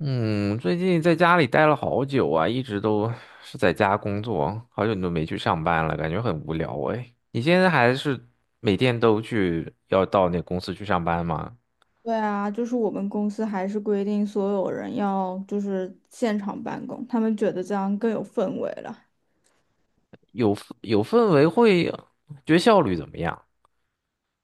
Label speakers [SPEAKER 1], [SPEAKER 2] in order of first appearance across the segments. [SPEAKER 1] 嗯，最近在家里待了好久啊，一直都是在家工作，好久都没去上班了，感觉很无聊哎。你现在还是每天都去，要到那公司去上班吗？
[SPEAKER 2] 对啊，就是我们公司还是规定所有人要就是现场办公，他们觉得这样更有氛围了。
[SPEAKER 1] 有有氛围会，觉得效率怎么样？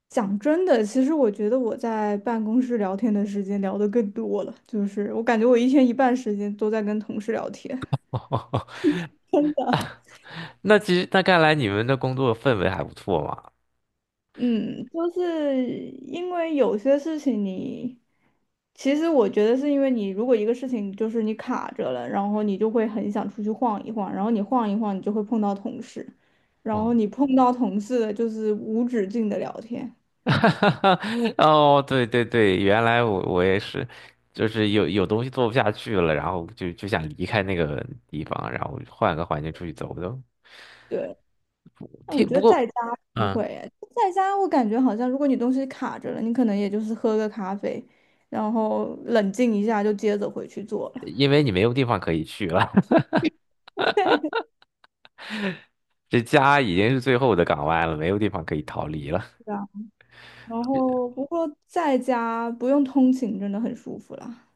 [SPEAKER 2] 讲真的，其实我觉得我在办公室聊天的时间聊得更多了，就是我感觉我一天一半时间都在跟同事聊天。真的。
[SPEAKER 1] 那其实那看来你们的工作氛围还不错嘛。
[SPEAKER 2] 嗯，就是因为有些事情你，其实我觉得是因为你，如果一个事情就是你卡着了，然后你就会很想出去晃一晃，然后你晃一晃，你就会碰到同事，然后
[SPEAKER 1] 哦，
[SPEAKER 2] 你碰到同事的就是无止境的聊天。
[SPEAKER 1] 哦，对对对，原来我也是，就是有东西做不下去了，然后就想离开那个地方，然后换个环境出去走走。
[SPEAKER 2] 对，但我
[SPEAKER 1] 听，
[SPEAKER 2] 觉
[SPEAKER 1] 不
[SPEAKER 2] 得在
[SPEAKER 1] 过
[SPEAKER 2] 家不会
[SPEAKER 1] 嗯，
[SPEAKER 2] 诶，在家我感觉好像如果你东西卡着了，你可能也就是喝个咖啡，然后冷静一下就接着回去做了。
[SPEAKER 1] 因为你没有地方可以去了，这家已经是最后的港湾了，没有地方可以逃离了。
[SPEAKER 2] 对。然后不过在家不用通勤，真的很舒服啦。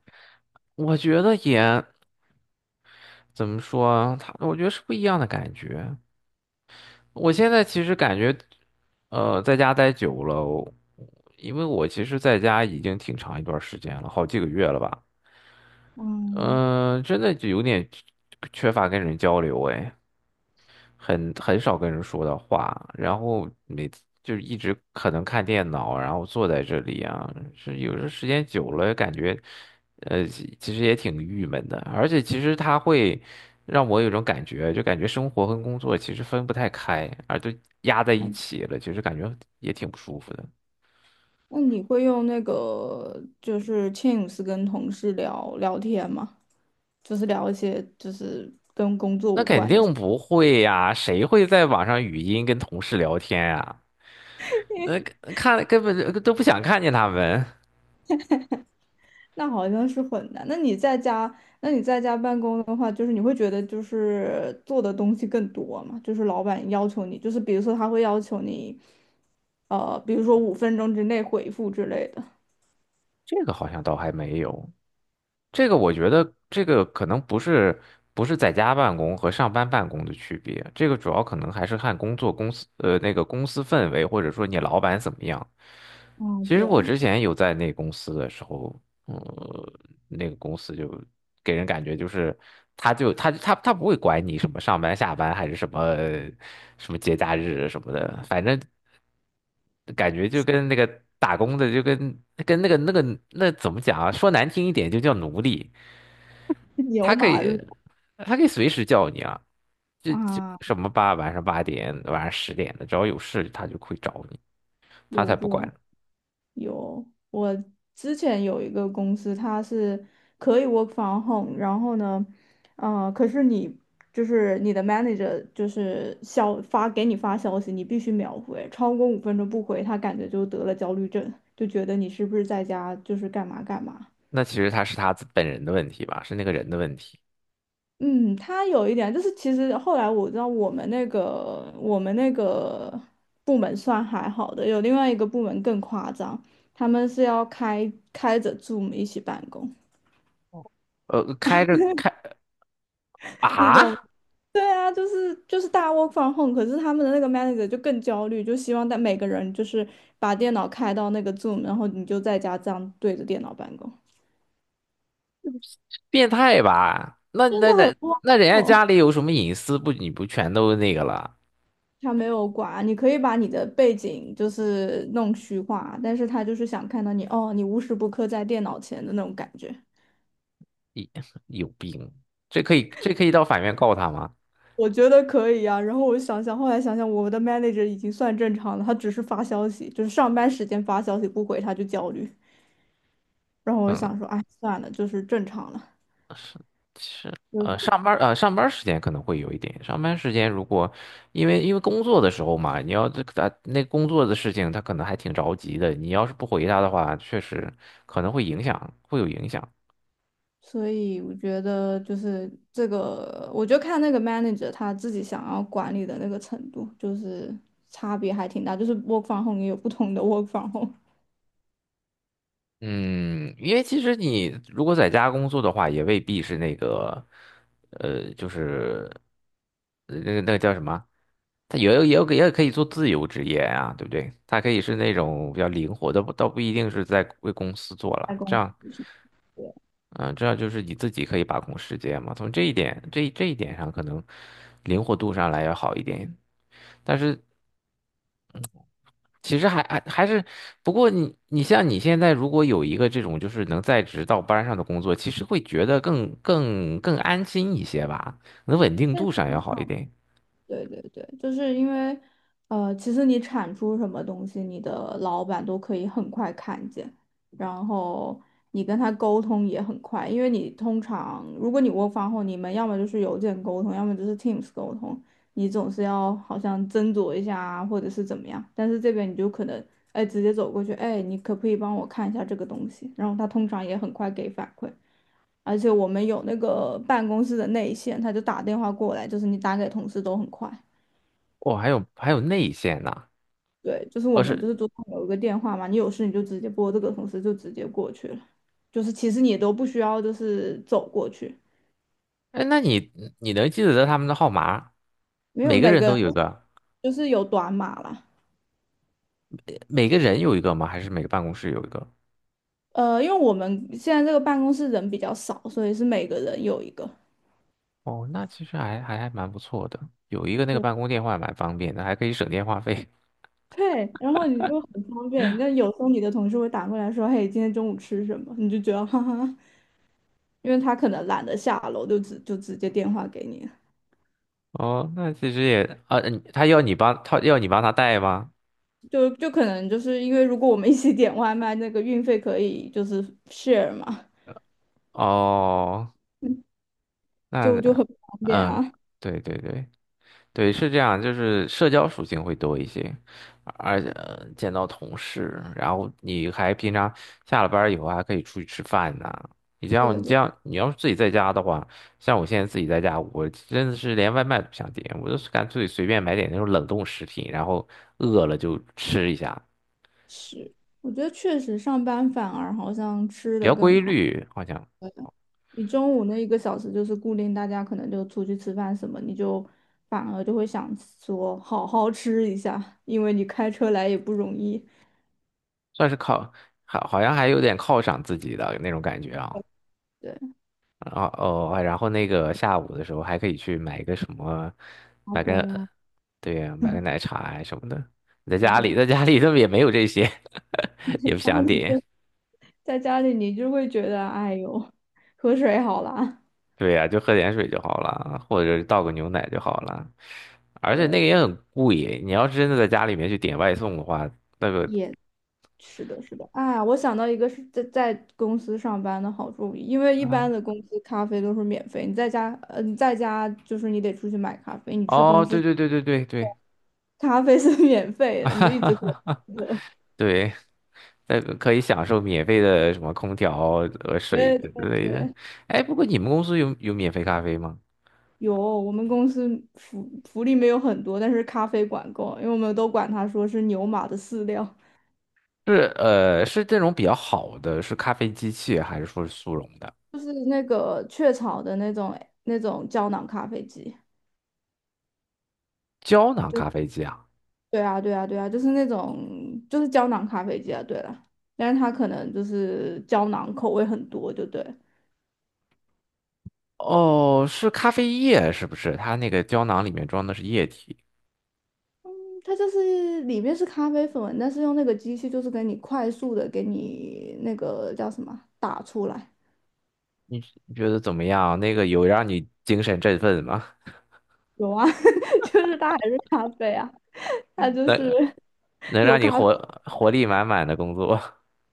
[SPEAKER 1] 我觉得也怎么说，他我觉得是不一样的感觉。我现在其实感觉，在家待久了，因为我其实在家已经挺长一段时间了，好几个月了吧。
[SPEAKER 2] 嗯，
[SPEAKER 1] 嗯，真的就有点缺乏跟人交流哎。很少跟人说的话，然后每次就是一直可能看电脑，然后坐在这里啊，是有时候时间久了感觉，其实也挺郁闷的，而且其实它会让我有种感觉，就感觉生活跟工作其实分不太开，而都压在
[SPEAKER 2] 好
[SPEAKER 1] 一
[SPEAKER 2] 的。
[SPEAKER 1] 起了，其实感觉也挺不舒服的。
[SPEAKER 2] 那你会用那个就是 Teams 跟同事聊聊天吗？就是聊一些就是，
[SPEAKER 1] 那肯定不会呀，谁会在网上语音跟同事聊天呀？那看根本就都不想看见他们，
[SPEAKER 2] 那好像是混的。那你在家，那你在家办公的话，就是你会觉得就是做的东西更多嘛？就是老板要求你，就是比如说他会要求你，比如说五分钟之内回复之类的。
[SPEAKER 1] 这个好像倒还没有。这个我觉得，这个可能不是在家办公和上班办公的区别，这个主要可能还是看工作公司那个公司氛围，或者说你老板怎么样。
[SPEAKER 2] 嗯，
[SPEAKER 1] 其
[SPEAKER 2] 对，
[SPEAKER 1] 实我之前有在那公司的时候，呃，那个公司就给人感觉就是他就他他他不会管你什么上班下班还是什么什么节假日什么的，反正感觉就跟那个打工的就跟那怎么讲啊？说难听一点就叫奴隶。他
[SPEAKER 2] 牛
[SPEAKER 1] 可
[SPEAKER 2] 马
[SPEAKER 1] 以，
[SPEAKER 2] 日
[SPEAKER 1] 他可以随时叫你啊，这
[SPEAKER 2] 啊，
[SPEAKER 1] 什么晚上8点、晚上10点的，只要有事他就会找你，他才
[SPEAKER 2] 有这
[SPEAKER 1] 不
[SPEAKER 2] 种。
[SPEAKER 1] 管。
[SPEAKER 2] 有，我之前有一个公司，它是可以 work from home，然后呢，可是你就是你的 manager 就是发给你发消息，你必须秒回，超过五分钟不回，他感觉就得了焦虑症，就觉得你是不是在家就是干嘛干嘛。
[SPEAKER 1] 那其实他是他自本人的问题吧，是那个人的问题。
[SPEAKER 2] 嗯，他有一点，就是其实后来我知道我们那个部门算还好的，有另外一个部门更夸张，他们是要开着 Zoom 一起办公。
[SPEAKER 1] 开着开
[SPEAKER 2] 那种
[SPEAKER 1] 啊，
[SPEAKER 2] 对啊，就是大家 work from home，可是他们的那个 manager 就更焦虑，就希望但每个人就是把电脑开到那个 Zoom，然后你就在家这样对着电脑办公，
[SPEAKER 1] 变态吧？那
[SPEAKER 2] 真
[SPEAKER 1] 那
[SPEAKER 2] 的很
[SPEAKER 1] 那
[SPEAKER 2] 荒
[SPEAKER 1] 那人家
[SPEAKER 2] 谬。
[SPEAKER 1] 家里有什么隐私不？你不全都那个了？
[SPEAKER 2] 他没有管，你可以把你的背景就是弄虚化，但是他就是想看到你哦，你无时不刻在电脑前的那种感觉。
[SPEAKER 1] 有有病，这可以到法院告他吗？
[SPEAKER 2] 我觉得可以啊，然后我想想，后来想想，我们的 manager 已经算正常了，他只是发消息，就是上班时间发消息不回他就焦虑。然后我
[SPEAKER 1] 嗯，
[SPEAKER 2] 想说，哎，算了，就是正常了。
[SPEAKER 1] 是，是，上班时间可能会有一点。上班时间如果因为工作的时候嘛，你要这个啊那工作的事情，他可能还挺着急的。你要是不回他的话，确实可能会影响，会有影响。
[SPEAKER 2] 所以我觉得就是这个，我就看那个 manager 他自己想要管理的那个程度，就是差别还挺大。就是 work from home 也有不同的 work from home
[SPEAKER 1] 嗯，因为其实你如果在家工作的话，也未必是那个，就是那个叫什么？他也可以做自由职业啊，对不对？他可以是那种比较灵活的，不一定是在为公司做
[SPEAKER 2] 在
[SPEAKER 1] 了，
[SPEAKER 2] 公
[SPEAKER 1] 这样。
[SPEAKER 2] 司。对，
[SPEAKER 1] 嗯，这样就是你自己可以把控时间嘛。从这一点，这一点上，可能灵活度上来要好一点。但是其实还还还是，不过你像你现在如果有一个这种就是能在职到班上的工作，其实会觉得更安心一些吧，可能稳定度上
[SPEAKER 2] 但
[SPEAKER 1] 要好一点。
[SPEAKER 2] 对对对，就是因为，其实你产出什么东西，你的老板都可以很快看见，然后你跟他沟通也很快，因为你通常如果你 work from home，你们要么就是邮件沟通，要么就是 Teams 沟通，你总是要好像斟酌一下啊，或者是怎么样，但是这边你就可能，哎，直接走过去，哎，你可不可以帮我看一下这个东西？然后他通常也很快给反馈。而且我们有那个办公室的内线，他就打电话过来，就是你打给同事都很快。
[SPEAKER 1] 哦，还有内线呢，
[SPEAKER 2] 对，就是我
[SPEAKER 1] 哦
[SPEAKER 2] 们就
[SPEAKER 1] 是，
[SPEAKER 2] 是桌上有一个电话嘛，你有事你就直接拨这个，同事就直接过去了。就是其实你都不需要就是走过去，
[SPEAKER 1] 哎，那你能记得他们的号码？
[SPEAKER 2] 没有
[SPEAKER 1] 每个
[SPEAKER 2] 每
[SPEAKER 1] 人
[SPEAKER 2] 个
[SPEAKER 1] 都
[SPEAKER 2] 人
[SPEAKER 1] 有一个，
[SPEAKER 2] 就是有短码啦。
[SPEAKER 1] 每个人有一个吗？还是每个办公室有一个？
[SPEAKER 2] 因为我们现在这个办公室人比较少，所以是每个人有一个。
[SPEAKER 1] 哦，那其实还蛮不错的，有一个那个
[SPEAKER 2] 对
[SPEAKER 1] 办公电话蛮方便的，还可以省电话费。
[SPEAKER 2] 对，然后你就很方便。那有时候你的同事会打过来说："嘿，今天中午吃什么？"你就觉得哈哈，因为他可能懒得下楼，就直接电话给你。
[SPEAKER 1] 哦，那其实也啊，他要你帮他带吗？
[SPEAKER 2] 就可能就是因为如果我们一起点外卖，那个运费可以就是 share 嘛，
[SPEAKER 1] 哦，
[SPEAKER 2] 嗯
[SPEAKER 1] 那
[SPEAKER 2] 就很方便
[SPEAKER 1] 嗯，
[SPEAKER 2] 啊。
[SPEAKER 1] 对对对，对，是这样，就是社交属性会多一些，而且见到同事，然后你还平常下了班儿以后还可以出去吃饭呐，
[SPEAKER 2] 对
[SPEAKER 1] 你这
[SPEAKER 2] 对，
[SPEAKER 1] 样，你要是自己在家的话，像我现在自己在家，我真的是连外卖都不想点，我就是干脆随便买点那种冷冻食品，然后饿了就吃一下，
[SPEAKER 2] 是，我觉得确实上班反而好像吃
[SPEAKER 1] 比
[SPEAKER 2] 的
[SPEAKER 1] 较
[SPEAKER 2] 更
[SPEAKER 1] 规
[SPEAKER 2] 好。
[SPEAKER 1] 律，好像
[SPEAKER 2] 对的。你中午那1个小时就是固定，大家可能就出去吃饭什么，你就反而就会想说好好吃一下，因为你开车来也不容易。
[SPEAKER 1] 算是靠，好像还有点犒赏自己的那种感觉啊。
[SPEAKER 2] 对，
[SPEAKER 1] 啊哦，哎然后那个下午的时候还可以去买个什么，
[SPEAKER 2] 好
[SPEAKER 1] 买
[SPEAKER 2] 啡
[SPEAKER 1] 个，
[SPEAKER 2] 呀，
[SPEAKER 1] 对呀，买个 奶茶呀什么的。
[SPEAKER 2] 对不对？
[SPEAKER 1] 在家里他们也没有这些，也不
[SPEAKER 2] 家
[SPEAKER 1] 想
[SPEAKER 2] 里
[SPEAKER 1] 点。
[SPEAKER 2] 就在家里你就会觉得，哎呦，喝水好啦。
[SPEAKER 1] 对呀，就喝点水就好了，或者倒个牛奶就好了。而且那个
[SPEAKER 2] 对。
[SPEAKER 1] 也很贵，你要是真的在家里面去点外送的话，那个，
[SPEAKER 2] 也是的，是的，啊，我想到一个是在公司上班的好处，因为一
[SPEAKER 1] 啊，
[SPEAKER 2] 般的公司咖啡都是免费，你在家，嗯，你在家就是你得出去买咖啡，你去公
[SPEAKER 1] 哦，对
[SPEAKER 2] 司
[SPEAKER 1] 对对对对对，
[SPEAKER 2] 咖啡是 免费的，你就一直 喝。
[SPEAKER 1] 对。那个可以享受免费的什么空调和水
[SPEAKER 2] 对
[SPEAKER 1] 之
[SPEAKER 2] 对
[SPEAKER 1] 类的。
[SPEAKER 2] 对，
[SPEAKER 1] 哎，不过你们公司有免费咖啡吗？
[SPEAKER 2] 有，我们公司福利没有很多，但是咖啡管够，因为我们都管它说是牛马的饲料，
[SPEAKER 1] 是这种比较好的，是咖啡机器还是说是速溶的
[SPEAKER 2] 就是那个雀巢的那种胶囊咖啡机。
[SPEAKER 1] 胶囊咖啡机啊？
[SPEAKER 2] 对啊，对啊，对啊，就是那种就是胶囊咖啡机啊，对了，但是它可能就是胶囊口味很多，就对，
[SPEAKER 1] 哦，是咖啡液是不是？它那个胶囊里面装的是液体，
[SPEAKER 2] 它就是里面是咖啡粉，但是用那个机器就是给你快速的给你那个叫什么啊打出来，
[SPEAKER 1] 你你觉得怎么样？那个有让你精神振奋吗？
[SPEAKER 2] 有啊，就是它还是咖啡啊，它 就是
[SPEAKER 1] 能能
[SPEAKER 2] 有
[SPEAKER 1] 让你
[SPEAKER 2] 咖啡，
[SPEAKER 1] 活力满满的工作？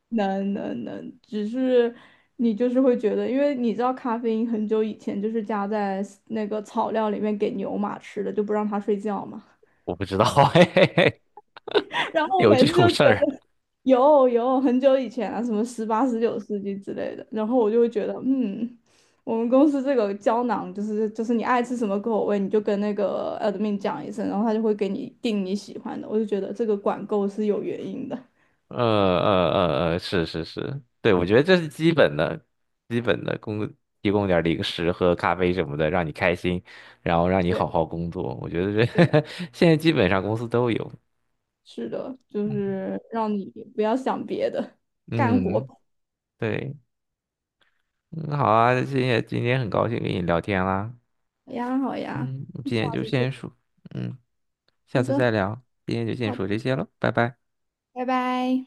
[SPEAKER 2] 能能能，只是你就是会觉得，因为你知道咖啡因很久以前就是加在那个草料里面给牛马吃的，就不让它睡觉嘛。
[SPEAKER 1] 我不知道，嘿嘿嘿，
[SPEAKER 2] 然后我
[SPEAKER 1] 有
[SPEAKER 2] 每
[SPEAKER 1] 这
[SPEAKER 2] 次
[SPEAKER 1] 种
[SPEAKER 2] 就觉
[SPEAKER 1] 事
[SPEAKER 2] 得
[SPEAKER 1] 儿
[SPEAKER 2] 有很久以前啊，什么18、19世纪之类的，然后我就会觉得，嗯，我们公司这个胶囊就是你爱吃什么口味，你就跟那个 admin 讲一声，然后他就会给你订你喜欢的。我就觉得这个管够是有原因的，
[SPEAKER 1] 是是是，对，我觉得这是基本的，提供点儿零食喝咖啡什么的，让你开心，然后让你
[SPEAKER 2] 对
[SPEAKER 1] 好好工作。我觉得这
[SPEAKER 2] 对，
[SPEAKER 1] 现在基本上公司都有。
[SPEAKER 2] 是的，就
[SPEAKER 1] 嗯
[SPEAKER 2] 是让你不要想别的，干活
[SPEAKER 1] 嗯，
[SPEAKER 2] 吧。
[SPEAKER 1] 对，嗯，好啊，今天很高兴跟你聊天啦。
[SPEAKER 2] 好呀好呀，
[SPEAKER 1] 嗯，今天
[SPEAKER 2] 下
[SPEAKER 1] 就
[SPEAKER 2] 次见。
[SPEAKER 1] 先说，嗯，下
[SPEAKER 2] 好
[SPEAKER 1] 次再
[SPEAKER 2] 的
[SPEAKER 1] 聊，今天就先
[SPEAKER 2] 好的，
[SPEAKER 1] 说这些了，拜拜。
[SPEAKER 2] 拜拜。